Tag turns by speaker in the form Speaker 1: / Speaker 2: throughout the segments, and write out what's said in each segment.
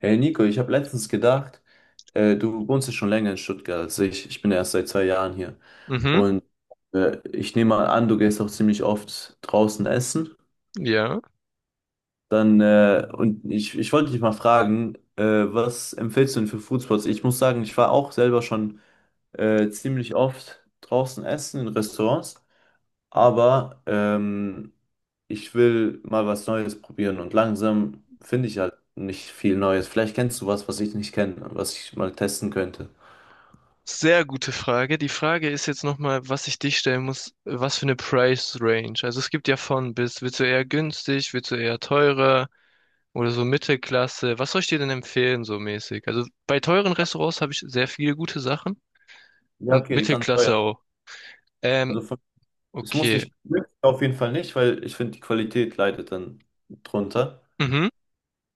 Speaker 1: Hey Nico, ich habe letztens gedacht, du wohnst ja schon länger in Stuttgart als ich. Ich bin ja erst seit 2 Jahren hier.
Speaker 2: Mhm,
Speaker 1: Und ich nehme mal an, du gehst auch ziemlich oft draußen essen.
Speaker 2: ja.
Speaker 1: Und ich wollte dich mal fragen, was empfiehlst du denn für Foodspots? Ich muss sagen, ich war auch selber schon ziemlich oft draußen essen in Restaurants. Aber ich will mal was Neues probieren und langsam finde ich halt nicht viel Neues. Vielleicht kennst du was, was ich nicht kenne, was ich mal testen könnte.
Speaker 2: Sehr gute Frage. Die Frage ist jetzt nochmal, was ich dich stellen muss, was für eine Price Range. Also es gibt ja von bis, willst du eher günstig, willst du eher teurer oder so Mittelklasse? Was soll ich dir denn empfehlen, so mäßig? Also bei teuren Restaurants habe ich sehr viele gute Sachen
Speaker 1: Ja,
Speaker 2: und
Speaker 1: okay, dann teuer.
Speaker 2: Mittelklasse auch.
Speaker 1: Also
Speaker 2: Ähm,
Speaker 1: von, es muss
Speaker 2: okay.
Speaker 1: nicht, auf jeden Fall nicht, weil ich finde, die Qualität leidet dann drunter.
Speaker 2: Mhm.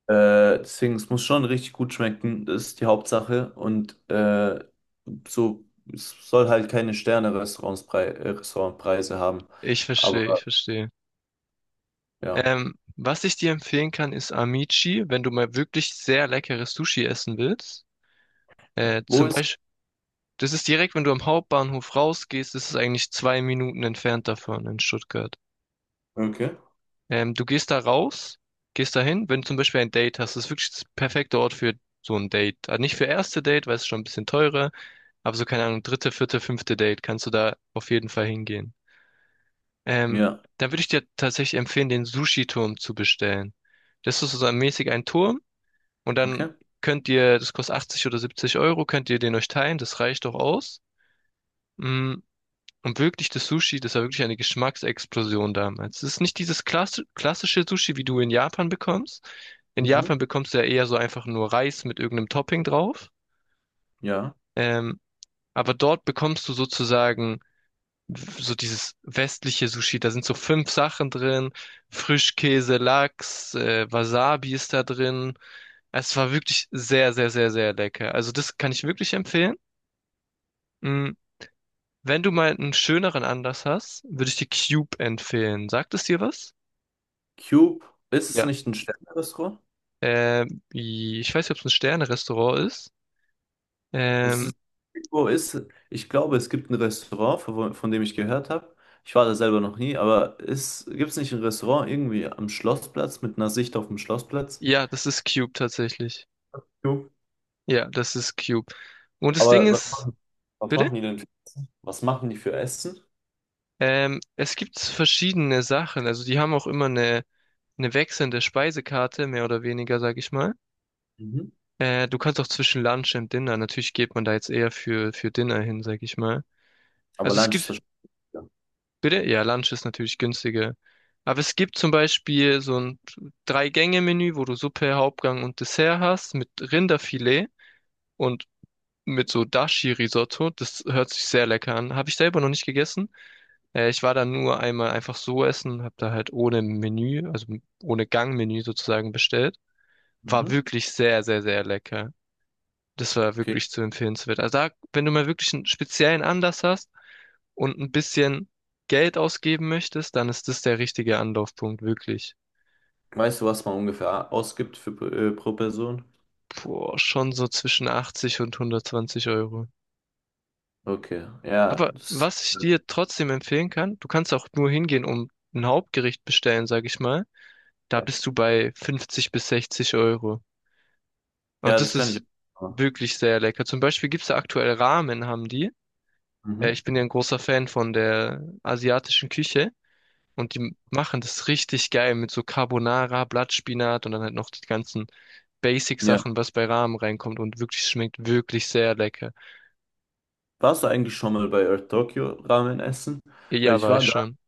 Speaker 1: Deswegen, es muss schon richtig gut schmecken, das ist die Hauptsache. Und so, es soll halt keine Sterne-Restaurantspreise Restaurantpreise haben.
Speaker 2: Ich verstehe, ich
Speaker 1: Aber
Speaker 2: verstehe.
Speaker 1: ja,
Speaker 2: Was ich dir empfehlen kann, ist Amici, wenn du mal wirklich sehr leckeres Sushi essen willst.
Speaker 1: wo
Speaker 2: Zum
Speaker 1: ist?
Speaker 2: Beispiel: Das ist direkt, wenn du am Hauptbahnhof rausgehst, ist es eigentlich 2 Minuten entfernt davon in Stuttgart.
Speaker 1: Okay.
Speaker 2: Du gehst da raus, gehst da hin, wenn du zum Beispiel ein Date hast, das ist wirklich das perfekte Ort für so ein Date. Also nicht für erste Date, weil es ist schon ein bisschen teurer, aber so, keine Ahnung, dritte, vierte, fünfte Date kannst du da auf jeden Fall hingehen. Ähm,
Speaker 1: Ja,
Speaker 2: Dann würde ich dir tatsächlich empfehlen, den Sushi-Turm zu bestellen. Das ist so mäßig ein Turm und dann
Speaker 1: okay.
Speaker 2: könnt ihr, das kostet 80 oder 70 Euro, könnt ihr den euch teilen, das reicht doch aus. Mm, Und wirklich das Sushi, das war wirklich eine Geschmacksexplosion damals. Es ist nicht dieses klassische Sushi, wie du in Japan bekommst. In
Speaker 1: Mhm.
Speaker 2: Japan bekommst du ja eher so einfach nur Reis mit irgendeinem Topping drauf.
Speaker 1: Ja.
Speaker 2: Ähm, aber dort bekommst du sozusagen so dieses westliche Sushi. Da sind so fünf Sachen drin. Frischkäse, Lachs, Wasabi ist da drin. Es war wirklich sehr, sehr, sehr, sehr lecker. Also das kann ich wirklich empfehlen. Mm, Wenn du mal einen schöneren Anlass hast, würde ich dir Cube empfehlen. Sagt es dir was?
Speaker 1: Cube, ist es
Speaker 2: Ja.
Speaker 1: nicht ein Sterne-Restaurant?
Speaker 2: Ich weiß nicht, ob es ein Sterne-Restaurant ist.
Speaker 1: Ist
Speaker 2: Ähm,
Speaker 1: es, ist, wo ist, Ich glaube, es gibt ein Restaurant, von dem ich gehört habe. Ich war da selber noch nie, aber gibt es nicht ein Restaurant irgendwie am Schlossplatz mit einer Sicht auf den Schlossplatz?
Speaker 2: ja, das ist Cube tatsächlich.
Speaker 1: Cube.
Speaker 2: Ja, das ist Cube. Und das Ding
Speaker 1: Aber
Speaker 2: ist,
Speaker 1: was
Speaker 2: bitte?
Speaker 1: machen die denn? Was machen die für Essen?
Speaker 2: Es gibt verschiedene Sachen. Also die haben auch immer eine wechselnde Speisekarte, mehr oder weniger, sag ich mal.
Speaker 1: Mhm.
Speaker 2: Du kannst auch zwischen Lunch und Dinner. Natürlich geht man da jetzt eher für Dinner hin, sag ich mal.
Speaker 1: Aber
Speaker 2: Also es
Speaker 1: Lunch ist
Speaker 2: gibt
Speaker 1: wahrscheinlich. Ja.
Speaker 2: Bitte? Ja, Lunch ist natürlich günstiger. Aber es gibt zum Beispiel so ein Drei-Gänge-Menü, wo du Suppe, Hauptgang und Dessert hast mit Rinderfilet und mit so Dashi-Risotto. Das hört sich sehr lecker an. Habe ich selber noch nicht gegessen. Ich war da nur einmal einfach so essen, habe da halt ohne Menü, also ohne Gangmenü sozusagen bestellt. War
Speaker 1: Mhm.
Speaker 2: wirklich sehr, sehr, sehr lecker. Das war
Speaker 1: Okay.
Speaker 2: wirklich zu empfehlenswert. Also da, wenn du mal wirklich einen speziellen Anlass hast und ein bisschen Geld ausgeben möchtest, dann ist das der richtige Anlaufpunkt, wirklich.
Speaker 1: Weißt du, was man ungefähr ausgibt für, pro Person?
Speaker 2: Boah, schon so zwischen 80 und 120 Euro.
Speaker 1: Okay. Ja,
Speaker 2: Aber was ich dir trotzdem empfehlen kann, du kannst auch nur hingehen, um ein Hauptgericht bestellen, sag ich mal. Da
Speaker 1: ja.
Speaker 2: bist du bei 50 bis 60 Euro. Und
Speaker 1: Ja,
Speaker 2: das
Speaker 1: das kann ich
Speaker 2: ist
Speaker 1: auch machen.
Speaker 2: wirklich sehr lecker. Zum Beispiel gibt's da aktuell Ramen, haben die.
Speaker 1: Mhm.
Speaker 2: Ich bin ja ein großer Fan von der asiatischen Küche. Und die machen das richtig geil mit so Carbonara, Blattspinat und dann halt noch die ganzen
Speaker 1: Ja.
Speaker 2: Basic-Sachen, was bei Ramen reinkommt und wirklich schmeckt wirklich sehr lecker.
Speaker 1: Warst du eigentlich schon mal bei Earth Tokyo Ramen essen? Weil
Speaker 2: Ja,
Speaker 1: ich war
Speaker 2: weiß
Speaker 1: da
Speaker 2: schon.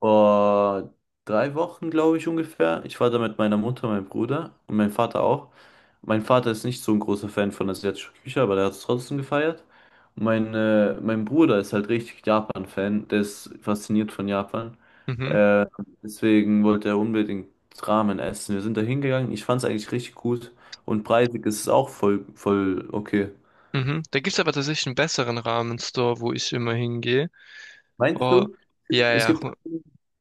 Speaker 1: vor 3 Wochen, glaube ich, ungefähr. Ich war da mit meiner Mutter, meinem Bruder und meinem Vater auch. Mein Vater ist nicht so ein großer Fan von asiatischer Küche, aber der hat es trotzdem gefeiert. Und mein Bruder ist halt richtig Japan-Fan. Der ist fasziniert von Japan.
Speaker 2: Mhm,
Speaker 1: Deswegen wollte er unbedingt Ramen essen. Wir sind da hingegangen. Ich fand es eigentlich richtig gut. Und preisig ist es auch voll, voll okay.
Speaker 2: mhm. Da gibt's aber tatsächlich einen besseren Ramen-Store, wo ich immer hingehe.
Speaker 1: Meinst
Speaker 2: Oh,
Speaker 1: du?
Speaker 2: ja,
Speaker 1: Es
Speaker 2: ja,
Speaker 1: gibt,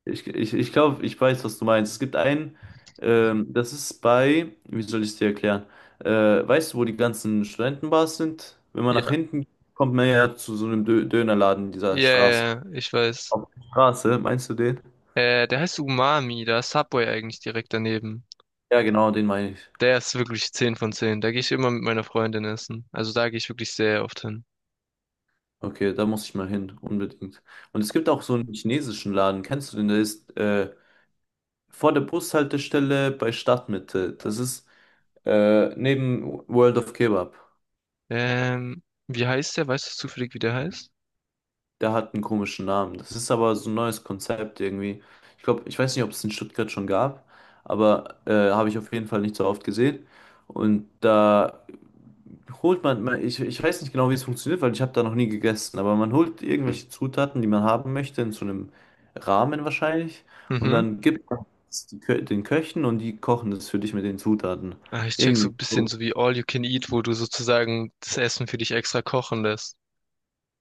Speaker 1: ich glaube, ich weiß, was du meinst. Es gibt einen, das ist bei, Wie soll ich es dir erklären? Äh, Weißt du, wo die ganzen Studentenbars sind? Wenn man nach
Speaker 2: ja,
Speaker 1: hinten geht, kommt man ja zu so einem Dö Dönerladen dieser
Speaker 2: ja, ja,
Speaker 1: Straße.
Speaker 2: ja, ich weiß.
Speaker 1: Auf der Straße, meinst du den?
Speaker 2: Der heißt Umami, da ist Subway eigentlich direkt daneben.
Speaker 1: Ja, genau, den meine ich.
Speaker 2: Der ist wirklich 10 von 10. Da gehe ich immer mit meiner Freundin essen. Also da gehe ich wirklich sehr oft hin.
Speaker 1: Okay, da muss ich mal hin, unbedingt. Und es gibt auch so einen chinesischen Laden, kennst du den? Der ist vor der Bushaltestelle bei Stadtmitte. Das ist neben World of Kebab.
Speaker 2: Wie heißt der? Weißt du zufällig, wie der heißt?
Speaker 1: Der hat einen komischen Namen. Das ist aber so ein neues Konzept irgendwie. Ich glaube, ich weiß nicht, ob es in Stuttgart schon gab, aber habe ich auf jeden Fall nicht so oft gesehen. Und da ich weiß nicht genau, wie es funktioniert, weil ich habe da noch nie gegessen, aber man holt irgendwelche Zutaten, die man haben möchte, in so einem Rahmen wahrscheinlich. Und
Speaker 2: Mhm.
Speaker 1: dann gibt man es den Köchen und die kochen das für dich mit den Zutaten.
Speaker 2: Ah, ich check so
Speaker 1: Irgendwie
Speaker 2: ein bisschen
Speaker 1: so.
Speaker 2: so wie All You Can Eat, wo du sozusagen das Essen für dich extra kochen lässt.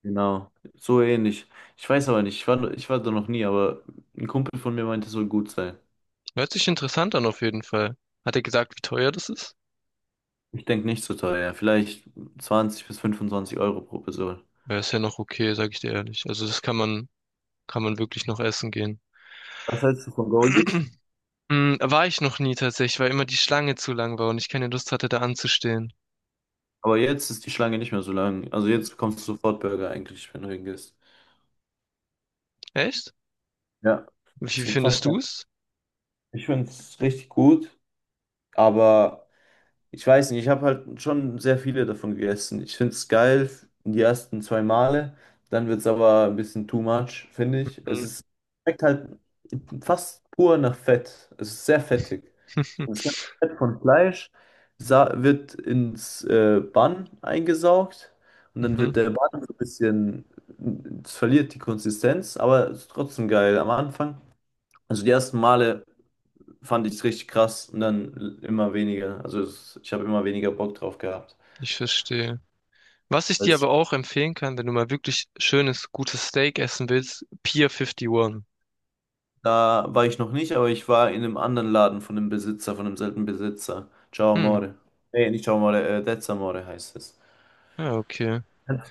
Speaker 1: Genau, so ähnlich. Ich weiß aber nicht, ich war da noch nie, aber ein Kumpel von mir meinte, es soll gut sein.
Speaker 2: Hört sich interessant an auf jeden Fall. Hat er gesagt, wie teuer das ist?
Speaker 1: Ich denke nicht so teuer, ja, vielleicht 20 bis 25 Euro pro Person.
Speaker 2: Ja, ist ja noch okay, sag ich dir ehrlich. Also das kann man wirklich noch essen gehen.
Speaker 1: Was hältst du von Goldies?
Speaker 2: Hm, war ich noch nie tatsächlich, weil immer die Schlange zu lang war und ich keine Lust hatte, da anzustehen.
Speaker 1: Aber jetzt ist die Schlange nicht mehr so lang. Also jetzt bekommst du sofort Burger eigentlich, wenn du hingehst.
Speaker 2: Echt?
Speaker 1: Ja,
Speaker 2: Wie
Speaker 1: es
Speaker 2: wie
Speaker 1: gibt
Speaker 2: findest
Speaker 1: fast keine.
Speaker 2: du's?
Speaker 1: Ich finde es richtig gut, aber ich weiß nicht, ich habe halt schon sehr viele davon gegessen. Ich finde es geil die ersten zwei Male, dann wird es aber ein bisschen too much, finde ich.
Speaker 2: Hm.
Speaker 1: Schmeckt halt fast pur nach Fett. Es ist sehr fettig. Das ganze Fett von Fleisch wird ins Bun eingesaugt und dann
Speaker 2: Mhm,
Speaker 1: wird der Bun so ein bisschen, es verliert die Konsistenz, aber es ist trotzdem geil am Anfang. Also die ersten Male fand ich es richtig krass und dann immer weniger. Ich habe immer weniger Bock drauf gehabt.
Speaker 2: ich verstehe. Was ich dir
Speaker 1: Als,
Speaker 2: aber auch empfehlen kann, wenn du mal wirklich schönes, gutes Steak essen willst, Pier 51.
Speaker 1: Da war ich noch nicht, aber ich war in einem anderen Laden von einem Besitzer, von einem selben Besitzer. Ciao
Speaker 2: Hm.
Speaker 1: Amore. Nee, nicht Ciao Amore, Dez Amore heißt es.
Speaker 2: Ja, okay.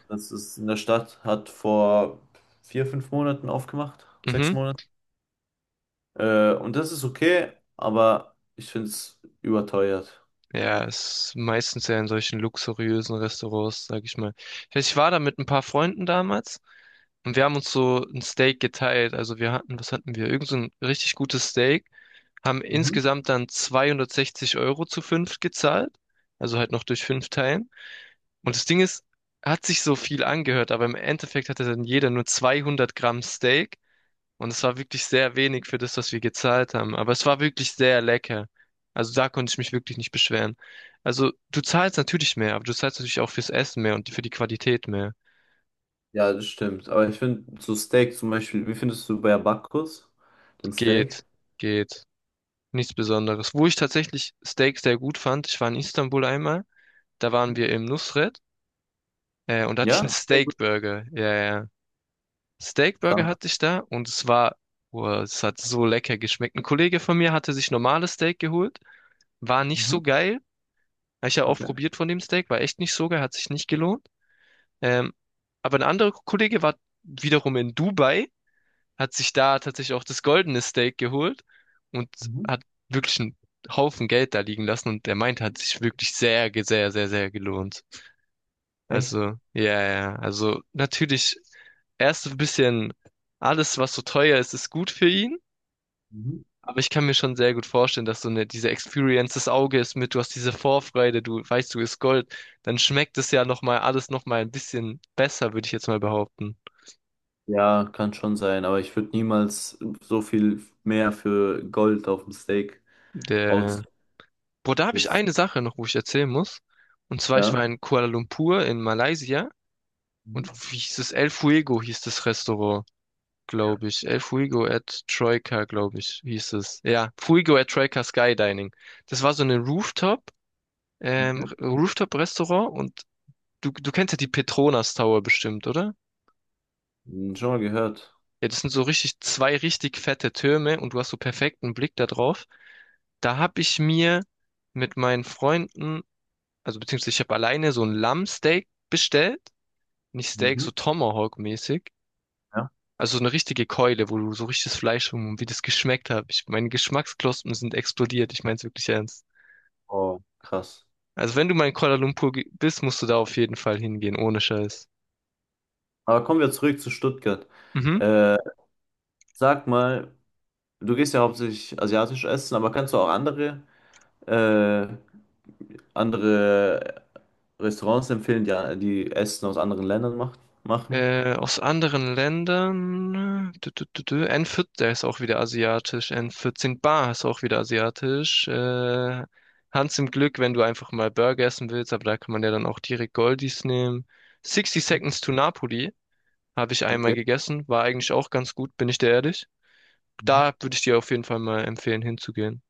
Speaker 1: Das ist in der Stadt, hat vor 4, 5 Monaten aufgemacht, sechs
Speaker 2: Mhm.
Speaker 1: Monate Und das ist okay, aber ich finde es überteuert.
Speaker 2: Ja, ist meistens ja in solchen luxuriösen Restaurants, sag ich mal. Ich weiß, ich war da mit ein paar Freunden damals und wir haben uns so ein Steak geteilt. Also wir hatten, was hatten wir? Irgend so ein richtig gutes Steak. Haben
Speaker 1: Mhm.
Speaker 2: insgesamt dann 260 € zu 5 gezahlt. Also halt noch durch 5 Teilen. Und das Ding ist, hat sich so viel angehört, aber im Endeffekt hatte dann jeder nur 200 Gramm Steak. Und es war wirklich sehr wenig für das, was wir gezahlt haben. Aber es war wirklich sehr lecker. Also da konnte ich mich wirklich nicht beschweren. Also du zahlst natürlich mehr, aber du zahlst natürlich auch fürs Essen mehr und für die Qualität mehr.
Speaker 1: Ja, das stimmt. Aber ich finde so Steak zum Beispiel, wie findest du bei Bacchus den Steak?
Speaker 2: Geht, geht. Nichts Besonderes. Wo ich tatsächlich Steak sehr gut fand, ich war in Istanbul einmal, da waren wir im Nusret, und da hatte ich
Speaker 1: Ja,
Speaker 2: einen Steakburger. Ja, ja. Steakburger
Speaker 1: krass.
Speaker 2: hatte ich da und es war, boah, es hat so lecker geschmeckt. Ein Kollege von mir hatte sich normales Steak geholt, war nicht
Speaker 1: Mhm.
Speaker 2: so geil. Habe ich ja auch
Speaker 1: Okay.
Speaker 2: probiert von dem Steak, war echt nicht so geil, hat sich nicht gelohnt. Ähm, aber ein anderer Kollege war wiederum in Dubai, hat sich da tatsächlich auch das goldene Steak geholt und
Speaker 1: Mhm.
Speaker 2: hat wirklich einen Haufen Geld da liegen lassen und der meint, hat sich wirklich sehr, sehr, sehr, sehr gelohnt.
Speaker 1: Echt?
Speaker 2: Also, ja, ja, also natürlich erst so ein bisschen alles, was so teuer ist, ist gut für ihn.
Speaker 1: Mhm.
Speaker 2: Aber ich kann mir schon sehr gut vorstellen, dass so eine, diese Experience des Auges mit, du hast diese Vorfreude, du weißt, du ist Gold, dann schmeckt es ja nochmal alles nochmal ein bisschen besser, würde ich jetzt mal behaupten.
Speaker 1: Ja, kann schon sein, aber ich würde niemals so viel mehr für Gold auf dem Steak aus.
Speaker 2: Der, boah, da habe ich
Speaker 1: ist-
Speaker 2: eine Sache noch, wo ich erzählen muss. Und zwar, ich
Speaker 1: Ja.
Speaker 2: war in Kuala Lumpur in Malaysia
Speaker 1: Mhm.
Speaker 2: und wie hieß es? El Fuego hieß das Restaurant,
Speaker 1: Ja.
Speaker 2: glaube ich. El Fuego at Troika, glaube ich, hieß es. Ja, Fuego at Troika Skydining. Das war so eine Rooftop,
Speaker 1: Okay.
Speaker 2: Rooftop-Restaurant und du kennst ja die Petronas Tower bestimmt, oder?
Speaker 1: Hm, schon mal gehört.
Speaker 2: Ja, das sind so richtig zwei richtig fette Türme und du hast so perfekten Blick da drauf. Da habe ich mir mit meinen Freunden, also beziehungsweise ich habe alleine so ein Lammsteak bestellt. Nicht Steak, so
Speaker 1: Mhm.
Speaker 2: Tomahawk-mäßig.
Speaker 1: Ja.
Speaker 2: Also so eine richtige Keule, wo du so richtiges Fleisch und wie das geschmeckt hat. Ich, meine Geschmacksknospen sind explodiert. Ich meine es wirklich ernst.
Speaker 1: Oh, krass.
Speaker 2: Also wenn du mal in Kuala Lumpur bist, musst du da auf jeden Fall hingehen, ohne Scheiß.
Speaker 1: Aber kommen wir zurück zu Stuttgart.
Speaker 2: Mhm.
Speaker 1: Äh, Sag mal, du gehst ja hauptsächlich asiatisch essen, aber kannst du auch andere, äh, andere Restaurants empfehlen, die Essen aus anderen Ländern machen?
Speaker 2: Aus anderen Ländern. Dü, dü, dü, dü. N14, der ist auch wieder asiatisch. N14 Bar ist auch wieder asiatisch. Hans im Glück, wenn du einfach mal Burger essen willst, aber da kann man ja dann auch direkt Goldies nehmen. Sixty
Speaker 1: Mhm.
Speaker 2: Seconds to Napoli habe ich einmal
Speaker 1: Okay.
Speaker 2: gegessen, war eigentlich auch ganz gut, bin ich dir ehrlich. Da würde ich dir auf jeden Fall mal empfehlen, hinzugehen.